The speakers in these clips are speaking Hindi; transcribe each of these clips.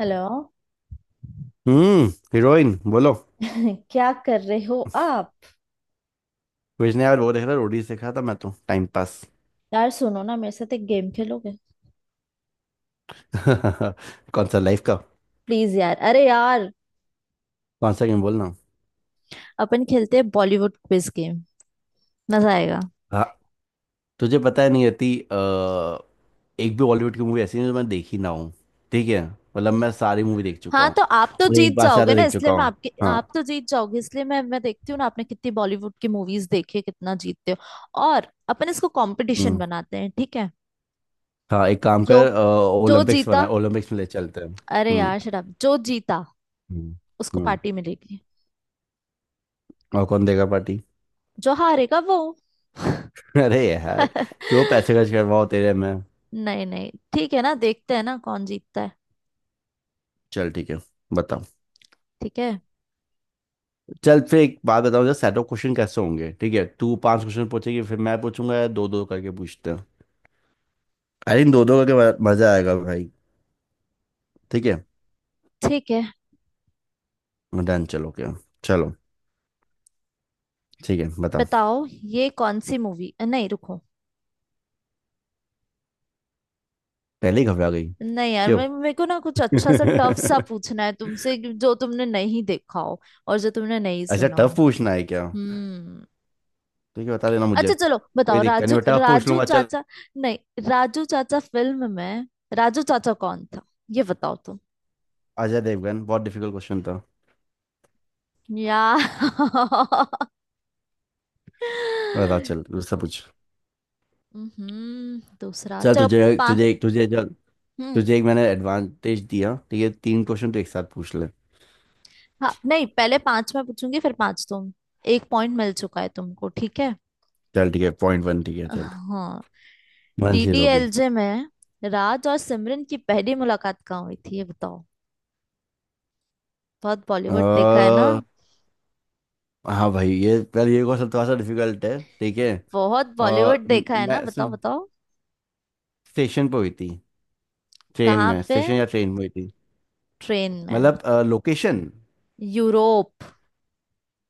हेलो। हम्म। हीरोइन बोलो। क्या कर रहे हो आप? कुछ नहीं यार, वो देख रहा रोडीज देख रहा था, मैं तो टाइम पास। यार सुनो ना, मेरे साथ एक गेम खेलोगे? कौन सा लाइफ का। प्लीज यार, अरे यार। कौन सा गेम बोलना। अपन खेलते हैं बॉलीवुड क्विज गेम। मजा आएगा। हाँ। तुझे पता है नहीं आती। एक भी बॉलीवुड की मूवी ऐसी नहीं जो मैं देखी ना हूँ। ठीक है, मतलब मैं सारी मूवी देख चुका हाँ, हूँ। तो आप तो और एक जीत बार से जाओगे ज्यादा ना, देख इसलिए चुका मैं हूँ। आपके- हाँ। आप तो जीत जाओगे, इसलिए मैं देखती हूँ ना आपने कितनी बॉलीवुड की मूवीज देखी है, कितना जीतते हो, और अपन इसको कंपटीशन हम्म। बनाते हैं, ठीक है। हाँ, एक काम कर। जो जो ओलंपिक्स बना, जीता- ओलंपिक्स में ले चलते हैं। अरे हम्म। यार, शट अप! जो जीता हम्म। उसको हम्म। पार्टी मिलेगी। और कौन देगा पार्टी? जो हारेगा वो- अरे यार। क्यों पैसे खर्च करवाओ तेरे में? नहीं नहीं, ठीक है ना, देखते हैं ना कौन जीतता है। चल ठीक है। बता। ठीक है। चल फिर एक बात बताओ, जरा सेट ऑफ क्वेश्चन कैसे होंगे, ठीक है। तू पांच क्वेश्चन पूछेगी फिर मैं पूछूंगा, या दो दो करके पूछते हैं? आई थिंक दो दो करके। मजा आएगा भाई। ठीक है। ठीक है, डन, चलो क्या। चलो। ठीक है, बता। बताओ। ये कौन सी मूवी- नहीं, रुको। पहले ही घबरा गई। नहीं यार, क्यों? मैं- मेरे को ना कुछ अच्छा सा, टफ सा पूछना है तुमसे कि जो तुमने नहीं देखा हो और जो तुमने नहीं अच्छा, सुना हो। टफ पूछना है क्या? हम्म। ठीक है, बता देना मुझे। अच्छा चलो, कोई बताओ। दिक्कत नहीं राजू बेटा, पूछ राजू लूंगा, चल। चाचा- नहीं। राजू चाचा फिल्म में राजू चाचा कौन था, ये बताओ तुम। अजय देवगन। बहुत डिफिकल्ट क्वेश्चन था। यार! बता, चल दूसरा पूछ। दूसरा चल चलो। तुझे पा तुझे तुझे चल। हम्म तुझे एक मैंने एडवांटेज दिया, ठीक है, तीन क्वेश्चन तो एक साथ पूछ ले। हाँ, नहीं, पहले पांच मैं पूछूंगी, फिर पांच तुम। एक पॉइंट मिल चुका है तुमको, ठीक है। चल ठीक है, पॉइंट वन, ठीक है चल। हाँ। One zero. डीडीएलजे में राज और सिमरन की पहली मुलाकात कहाँ हुई थी, ये बताओ। बहुत अ, बॉलीवुड देखा है ना। हाँ भाई ये। यार ये क्वेश्चन थोड़ा सा डिफिकल्ट है, ठीक है। बहुत अ, बॉलीवुड देखा है ना, मैं बताओ सुन। बताओ। स्टेशन पे हुई थी। ट्रेन कहाँ में। पे? स्टेशन या ट्रेन में हुई थी? ट्रेन में। मतलब लोकेशन। यूरोप।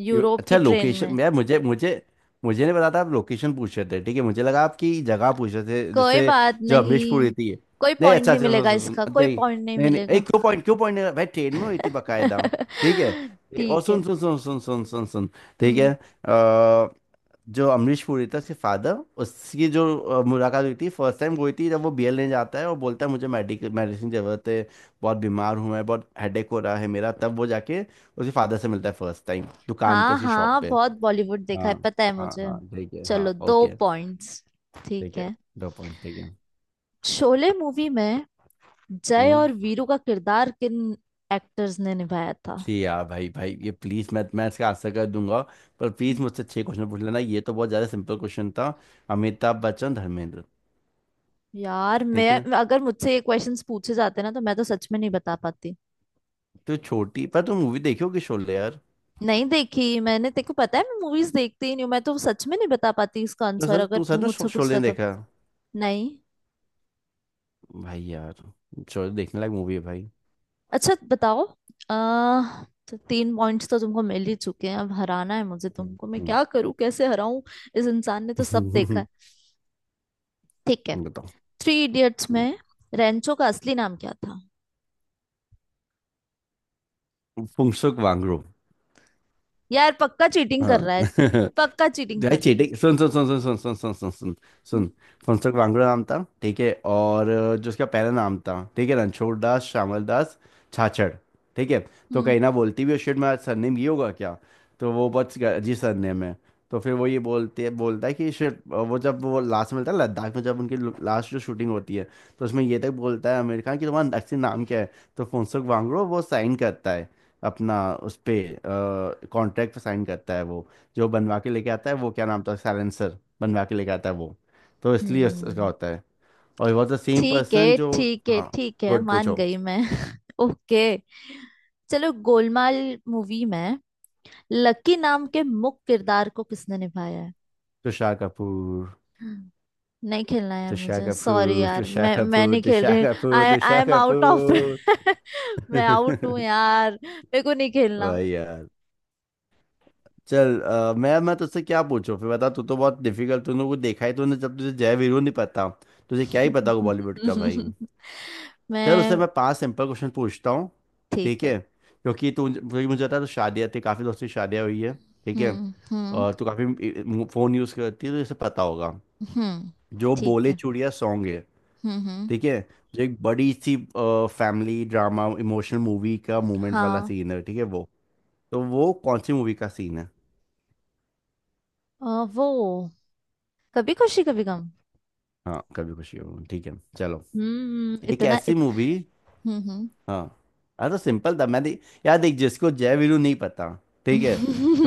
यूरोप की अच्छा ट्रेन में। लोकेशन, यार मुझे मुझे। मुझे नहीं पता था आप लोकेशन पूछ रहे थे, ठीक है, मुझे लगा आपकी जगह पूछ रहे थे कोई जैसे। बात जो नहीं। अमरीशपुर हुई थी। कोई नहीं पॉइंट अच्छा नहीं अच्छा, सुन मिलेगा सुन सुन, इसका, कोई नहीं। पॉइंट नहीं नहीं नहीं मिलेगा। एक, क्यों पॉइंट, क्यों पॉइंट नहीं, भाई ट्रेन में हुई थी बकायदा। ठीक है। ए, और ठीक सुन है। सुन सुन सुन सुन सुन सुन। ठीक है। हम्म। जो अमरीश पुरी था उसके फादर। उसकी जो मुलाकात हुई थी, फर्स्ट टाइम हुई थी जब वो बीएल लेने जाता है और बोलता है मुझे मेडिकल मेडिसिन की जरूरत है। बहुत बीमार हूं मैं, बहुत हेडेक हो रहा है मेरा, तब वो जाके उसके फादर से मिलता है, फर्स्ट टाइम दुकान पर, हाँ उसकी शॉप हाँ, पे। बहुत बॉलीवुड देखा हाँ है, पता है हाँ। मुझे। हाँ ठीक है, हाँ चलो, दो ओके। पॉइंट्स। ठीक ठीक है। है। दो पॉइंट, ठीक है। शोले मूवी में जय हम्म। और वीरू का किरदार किन एक्टर्स ने निभाया था? जी यार, भाई भाई ये प्लीज, मैं इसका आंसर कर दूंगा। पर प्लीज मुझसे छह क्वेश्चन पूछ लेना, ये तो बहुत ज्यादा सिंपल क्वेश्चन था। अमिताभ बच्चन, धर्मेंद्र। यार मैं- ठीक है। अगर मुझसे ये क्वेश्चंस पूछे जाते ना, तो मैं तो सच में नहीं बता पाती। तो छोटी पर तुम मूवी देखी होगी शोले, यार। नहीं देखी मैंने, तेको पता है, मैं मूवीज देखती ही नहीं हूँ। मैं तो सच में नहीं बता पाती इसका तो आंसर सर, अगर तू सर तुम ने मुझसे शोले पूछता तो। देखा? नहीं। भाई यार। शोले देखने लायक मूवी है भाई। अच्छा बताओ। तो तीन पॉइंट्स तो तुमको मिल ही चुके हैं, अब हराना है मुझे तुमको, हम्म। मैं क्या करूं, कैसे हराऊं। इस इंसान ने तो सब देखा हम्म। है। ठीक है। बताओ। थ्री इडियट्स में रेंचो का असली नाम क्या था? फुंसुक वांगडू। यार पक्का चीटिंग कर हाँ। रहा है। पक्का चीटिंग भाई कर रहा है। चीटिंग, सुन सुन सुन सुन सुन सुन सुन सुन सुन हम्म। सुन। फुनसुक वांगड़ू नाम था, ठीक है, और जो उसका पहला नाम था, ठीक है, रणछोड़ दास श्यामल दास छाछड़। ठीक है। तो हम्म, कहीं ना बोलती भी शिट मेरा सरनेम ये होगा क्या? तो वो बहुत अजीब सरनेम है। तो फिर वो ये बोलते है बोलता है कि शिट, वो जब वो लास्ट में मिलता है लद्दाख में, जब उनकी लास्ट जो शूटिंग होती है, तो उसमें ये तक बोलता है अमेरिका कि तुम्हारा असली नाम क्या है। तो फुनसुक वांगड़ू वो साइन करता है अपना, उस पे कॉन्ट्रैक्ट पे साइन करता है वो, जो बनवा के लेके आता है वो, क्या नाम था, साइलेंसर बनवा के लेके आता है वो। तो इसलिए उसका हम्म, होता है। और वॉज द सेम ठीक पर्सन है जो। ठीक है हाँ। ठीक है, गुड, मान पूछो। गई मैं। ओके। चलो, गोलमाल मूवी में लकी नाम के मुख्य किरदार को किसने निभाया तुषार कपूर, है? नहीं खेलना यार तुषार मुझे, सॉरी कपूर, यार, तुषार मैं कपूर, नहीं खेल तुषार रही। Kapoor, I I Tushar am out of- Kapoor. मैं आउट हूँ यार, मेरे को नहीं खेलना। भाई यार। चल मैं तुझसे क्या पूछूं फिर बता, तू तो बहुत डिफिकल्ट, तूने कुछ देखा ही, तूने जब तुझे जय वीरू नहीं पता, तुझे क्या ही पता होगा बॉलीवुड का भाई। चल उससे मैं- मैं पांच सिंपल क्वेश्चन पूछता हूँ, ठीक ठीक है। है, क्योंकि तू क्योंकि मुझे पता है तो शादियाँ थी, काफ़ी दोस्तों की शादियाँ हुई है, ठीक है। हम्म, हम्म, और तू काफ़ी फ़ोन यूज़ करती है तो इसे पता होगा, हम्म, जो ठीक बोले है। चूड़िया सॉन्ग है, हम्म, हम्म, ठीक है, जो एक बड़ी सी फैमिली ड्रामा इमोशनल मूवी का मूवमेंट वाला हाँ। सीन है, ठीक है वो, तो वो कौन सी मूवी का सीन है? अ, वो- कभी खुशी कभी गम। हाँ कभी खुशी हो, ठीक है। चलो। हम्म। एक ऐसी मूवी। हम्म हम्म हाँ। हाँ तो सिंपल था यार देख, जिसको जय वीरू नहीं पता, ठीक है,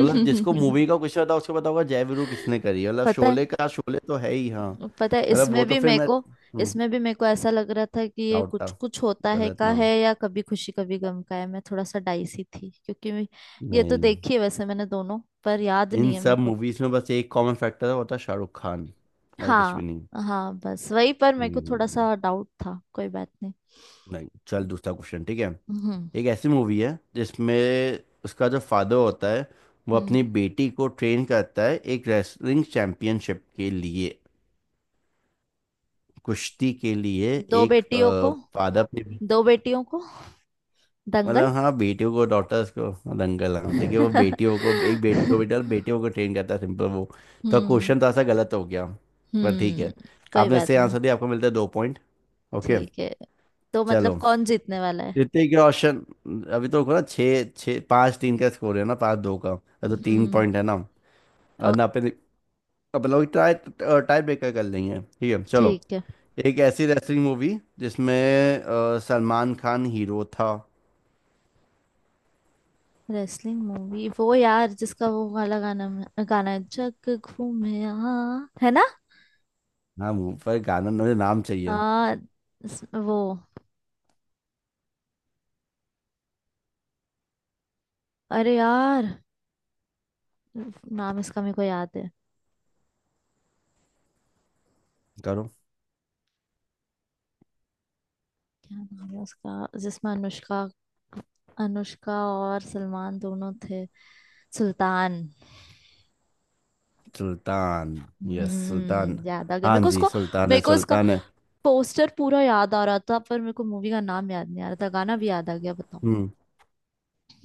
मतलब जिसको मूवी का कुछ पता उसको पता होगा जय वीरू किसने करी है, मतलब पता है, शोले का, शोले तो है ही, हाँ। पता है, मतलब वो तो फिर मैं। इसमें भी मेरे को ऐसा लग रहा था कि ये डाउट था, कुछ कुछ होता है गलत का है नाम। या कभी खुशी कभी गम का है, मैं थोड़ा सा डाइसी थी क्योंकि मैं- ये तो नहीं। देखी है वैसे मैंने, दोनों पर याद इन नहीं है मेरे सब को। मूवीज में बस एक कॉमन फैक्टर है, वो था शाहरुख खान, और कुछ हाँ भी नहीं। हाँ, बस वही पर मेरे को हम्म। थोड़ा सा डाउट था, कोई बात नहीं। नहीं, चल दूसरा क्वेश्चन, ठीक है। हम्म एक ऐसी मूवी है जिसमें उसका जो फादर होता है वो हम्म अपनी बेटी को ट्रेन करता है, एक रेसलिंग चैंपियनशिप के लिए, कुश्ती के लिए। दो एक बेटियों को। फादर पे दो बेटियों को, दंगल। मतलब हाँ बेटियों को, डॉटर्स को, दंगल, हाँ ठीक है, वो बेटियों को, एक बेटी, दो बेटा, बेटियों को ट्रेन करता है, सिंपल वो। तो हम्म क्वेश्चन थोड़ा सा गलत हो गया, पर ठीक हम्म है। कोई आपने बात सही नहीं। आंसर दिया, आपको मिलता है दो पॉइंट। ओके। ठीक है। तो मतलब चलो। कौन जीतने वाला है? जीतने के ऑप्शन। अभी तो रुको ना, छः छः पाँच तीन का स्कोर है ना, पाँच दो का, अरे तो तीन हम्म। पॉइंट है ना। और ना अपन अपन लोग ट्राई टाई ब्रेकर कर लेंगे, ठीक है चलो। ठीक है। एक ऐसी रेसलिंग मूवी जिसमें सलमान खान हीरो था। रेसलिंग मूवी- वो यार जिसका वो वाला गाना गाना है, जग घूमे, हाँ, है ना। हाँ मुंह पर गाना, मुझे नाम चाहिए। आ, वो- अरे यार! नाम इसका मेरे को याद है। करो। क्या नाम है उसका जिसमें अनुष्का- अनुष्का और सलमान दोनों थे। सुल्तान। सुल्तान। यस सुल्तान। हम्म, याद आ गया मेरे हाँ को जी, उसको। सुल्तान मेरे है, को उसका सुल्तान है। पोस्टर पूरा याद आ रहा था, पर मेरे को मूवी का नाम याद नहीं आ रहा था, गाना भी याद आ गया, बताओ। हम्म।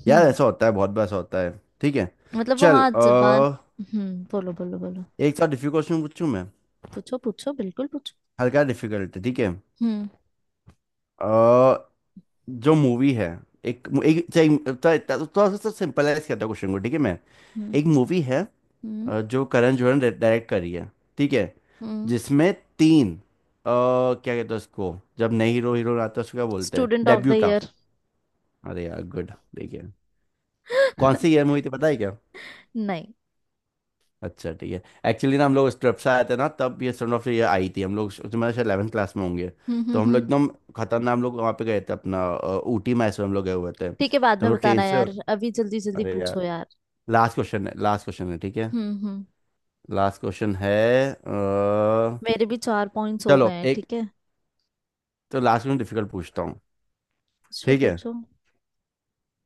यार हम्म। ऐसा होता है, बहुत बार ऐसा होता है। ठीक है। मतलब वो- चल हाँ, जुबान। बोलो बोलो बोलो। एक साथ डिफिकल्ट क्वेश्चन पूछूं मैं। पूछो पूछो, बिल्कुल पूछो। हल्का डिफिकल्ट, ठीक है। हम्म अ, जो मूवी है एक एक थोड़ा सा सिंपलाइज करता हूँ क्वेश्चन को, ठीक है मैं। हम्म एक मूवी है, हम्म जो करण जोहर ने डायरेक्ट करी है, ठीक है, हम्म जिसमें तीन, क्या कहते हैं उसको जब नए हीरो हीरो आता है, उसको क्या बोलते हैं स्टूडेंट ऑफ द डेब्यूटा। ईयर। अरे यार गुड, देखिए। कौन सी ईयर मूवी थी पता है क्या? नहीं। अच्छा ठीक है। एक्चुअली ना हम लोग उस ट्रिप से आए थे ना, तब ये सन ऑफ ईयर आई थी, हम लोग तुम्हारे शायद 11th क्लास में होंगे। हम्म, तो हम्म, हम लोग हम्म, एकदम खतरनाक, हम लोग वहाँ पे गए थे अपना, ऊटी मैसूर हम लोग गए हुए थे, ठीक है, बाद तो हम में लोग ट्रेन बताना से। यार, अभी जल्दी जल्दी अरे पूछो यार, यार। लास्ट क्वेश्चन है, लास्ट क्वेश्चन है, ठीक है। हम्म हम्म लास्ट क्वेश्चन है। अ, मेरे भी चार पॉइंट्स हो गए चलो हैं, एक, ठीक है। तो लास्ट में डिफिकल्ट पूछता हूँ, पूछो ठीक है। पूछो।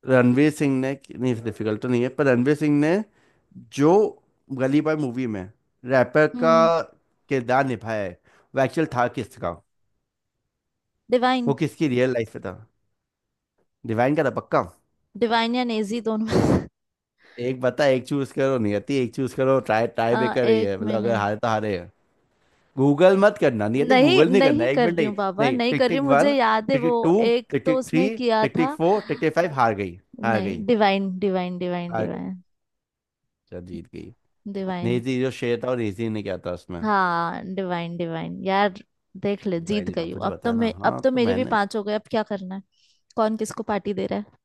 रणवीर सिंह ने, नहीं डिफिकल्ट तो नहीं है, पर रणवीर सिंह ने जो गली बॉय मूवी में रैपर का हम्म किरदार निभाया है, वो एक्चुअल था किसका, डिवाइन। वो किसकी रियल लाइफ में था? डिवाइन का था पक्का। डिवाइन या नेजी दोनों- एक बता, एक चूज करो नियति, एक चूज करो, ट्राई ट्राई भी कर रही एक है, मतलब अगर मिनट। हारे तो हारे है। गूगल मत करना नियति, नहीं गूगल नहीं करना, नहीं, एक कर मिनट रही नहीं। हूँ बाबा, नहीं नहीं टिक कर रही टिक हूँ, मुझे वन, याद है टिक वो। टिक टू, एक टिक तो टिक थ्री, उसने किया टिक टिक था। फोर, टिक टिक फाइव, हार गई, हार नहीं, गई, डिवाइन डिवाइन डिवाइन हार गई। डिवाइन चल, जीत गई। डिवाइन। नेजी जो शेर था, और नेजी ने क्या था उसमें? हाँ, डिवाइन डिवाइन यार, देख ले भाई जीत नहीं था, गई हूँ मुझे अब तो बताया ना, मैं, अब हाँ तो तो मेरे भी मैंने। पांच हो गए, अब क्या करना है? कौन किसको पार्टी दे रहा है?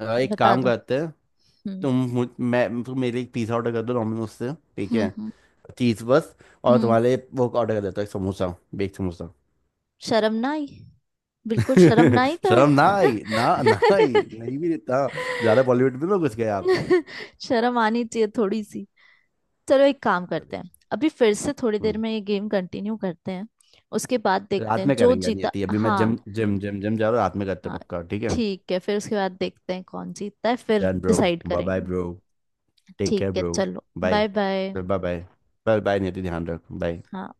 एक बता काम दो। करते हैं, हम्म तुम मुझ मैं, तुम मेरे लिए एक पिज़्ज़ा ऑर्डर कर दो डोमिनोज से, ठीक हम्म है, हम्म चीज़ बस। और हम्म तुम्हारे लिए वो ऑर्डर कर देता हूँ एक समोसा, बेक समोसा। शर्म ना आई, बिल्कुल शर्म ना आई तो शर्म ना है। आई, ना ना आई, नहीं भी देता, ज़्यादा बॉलीवुड में ना घुस गए आप। शर्म आनी चाहिए थोड़ी सी। चलो, एक काम करते हैं, अभी फिर से थोड़ी हम्म। देर में ये गेम कंटिन्यू करते हैं, उसके बाद देखते रात हैं में जो करेंगे, यानी जीता, ये अभी मैं हाँ। जिम जिम जिम जिम जा रहा हूँ, रात में करते हाँ, हैं पक्का, ठीक है। ठीक है, फिर उसके बाद देखते हैं कौन जीतता है, फिर done bro. Decide bye bye करेंगे। ब्रो। टेक ठीक केयर है, ब्रो। चलो। Bye. Bye bye. Bye bye. Bye bye Niyati, ध्यान रख, बाय। हाँ।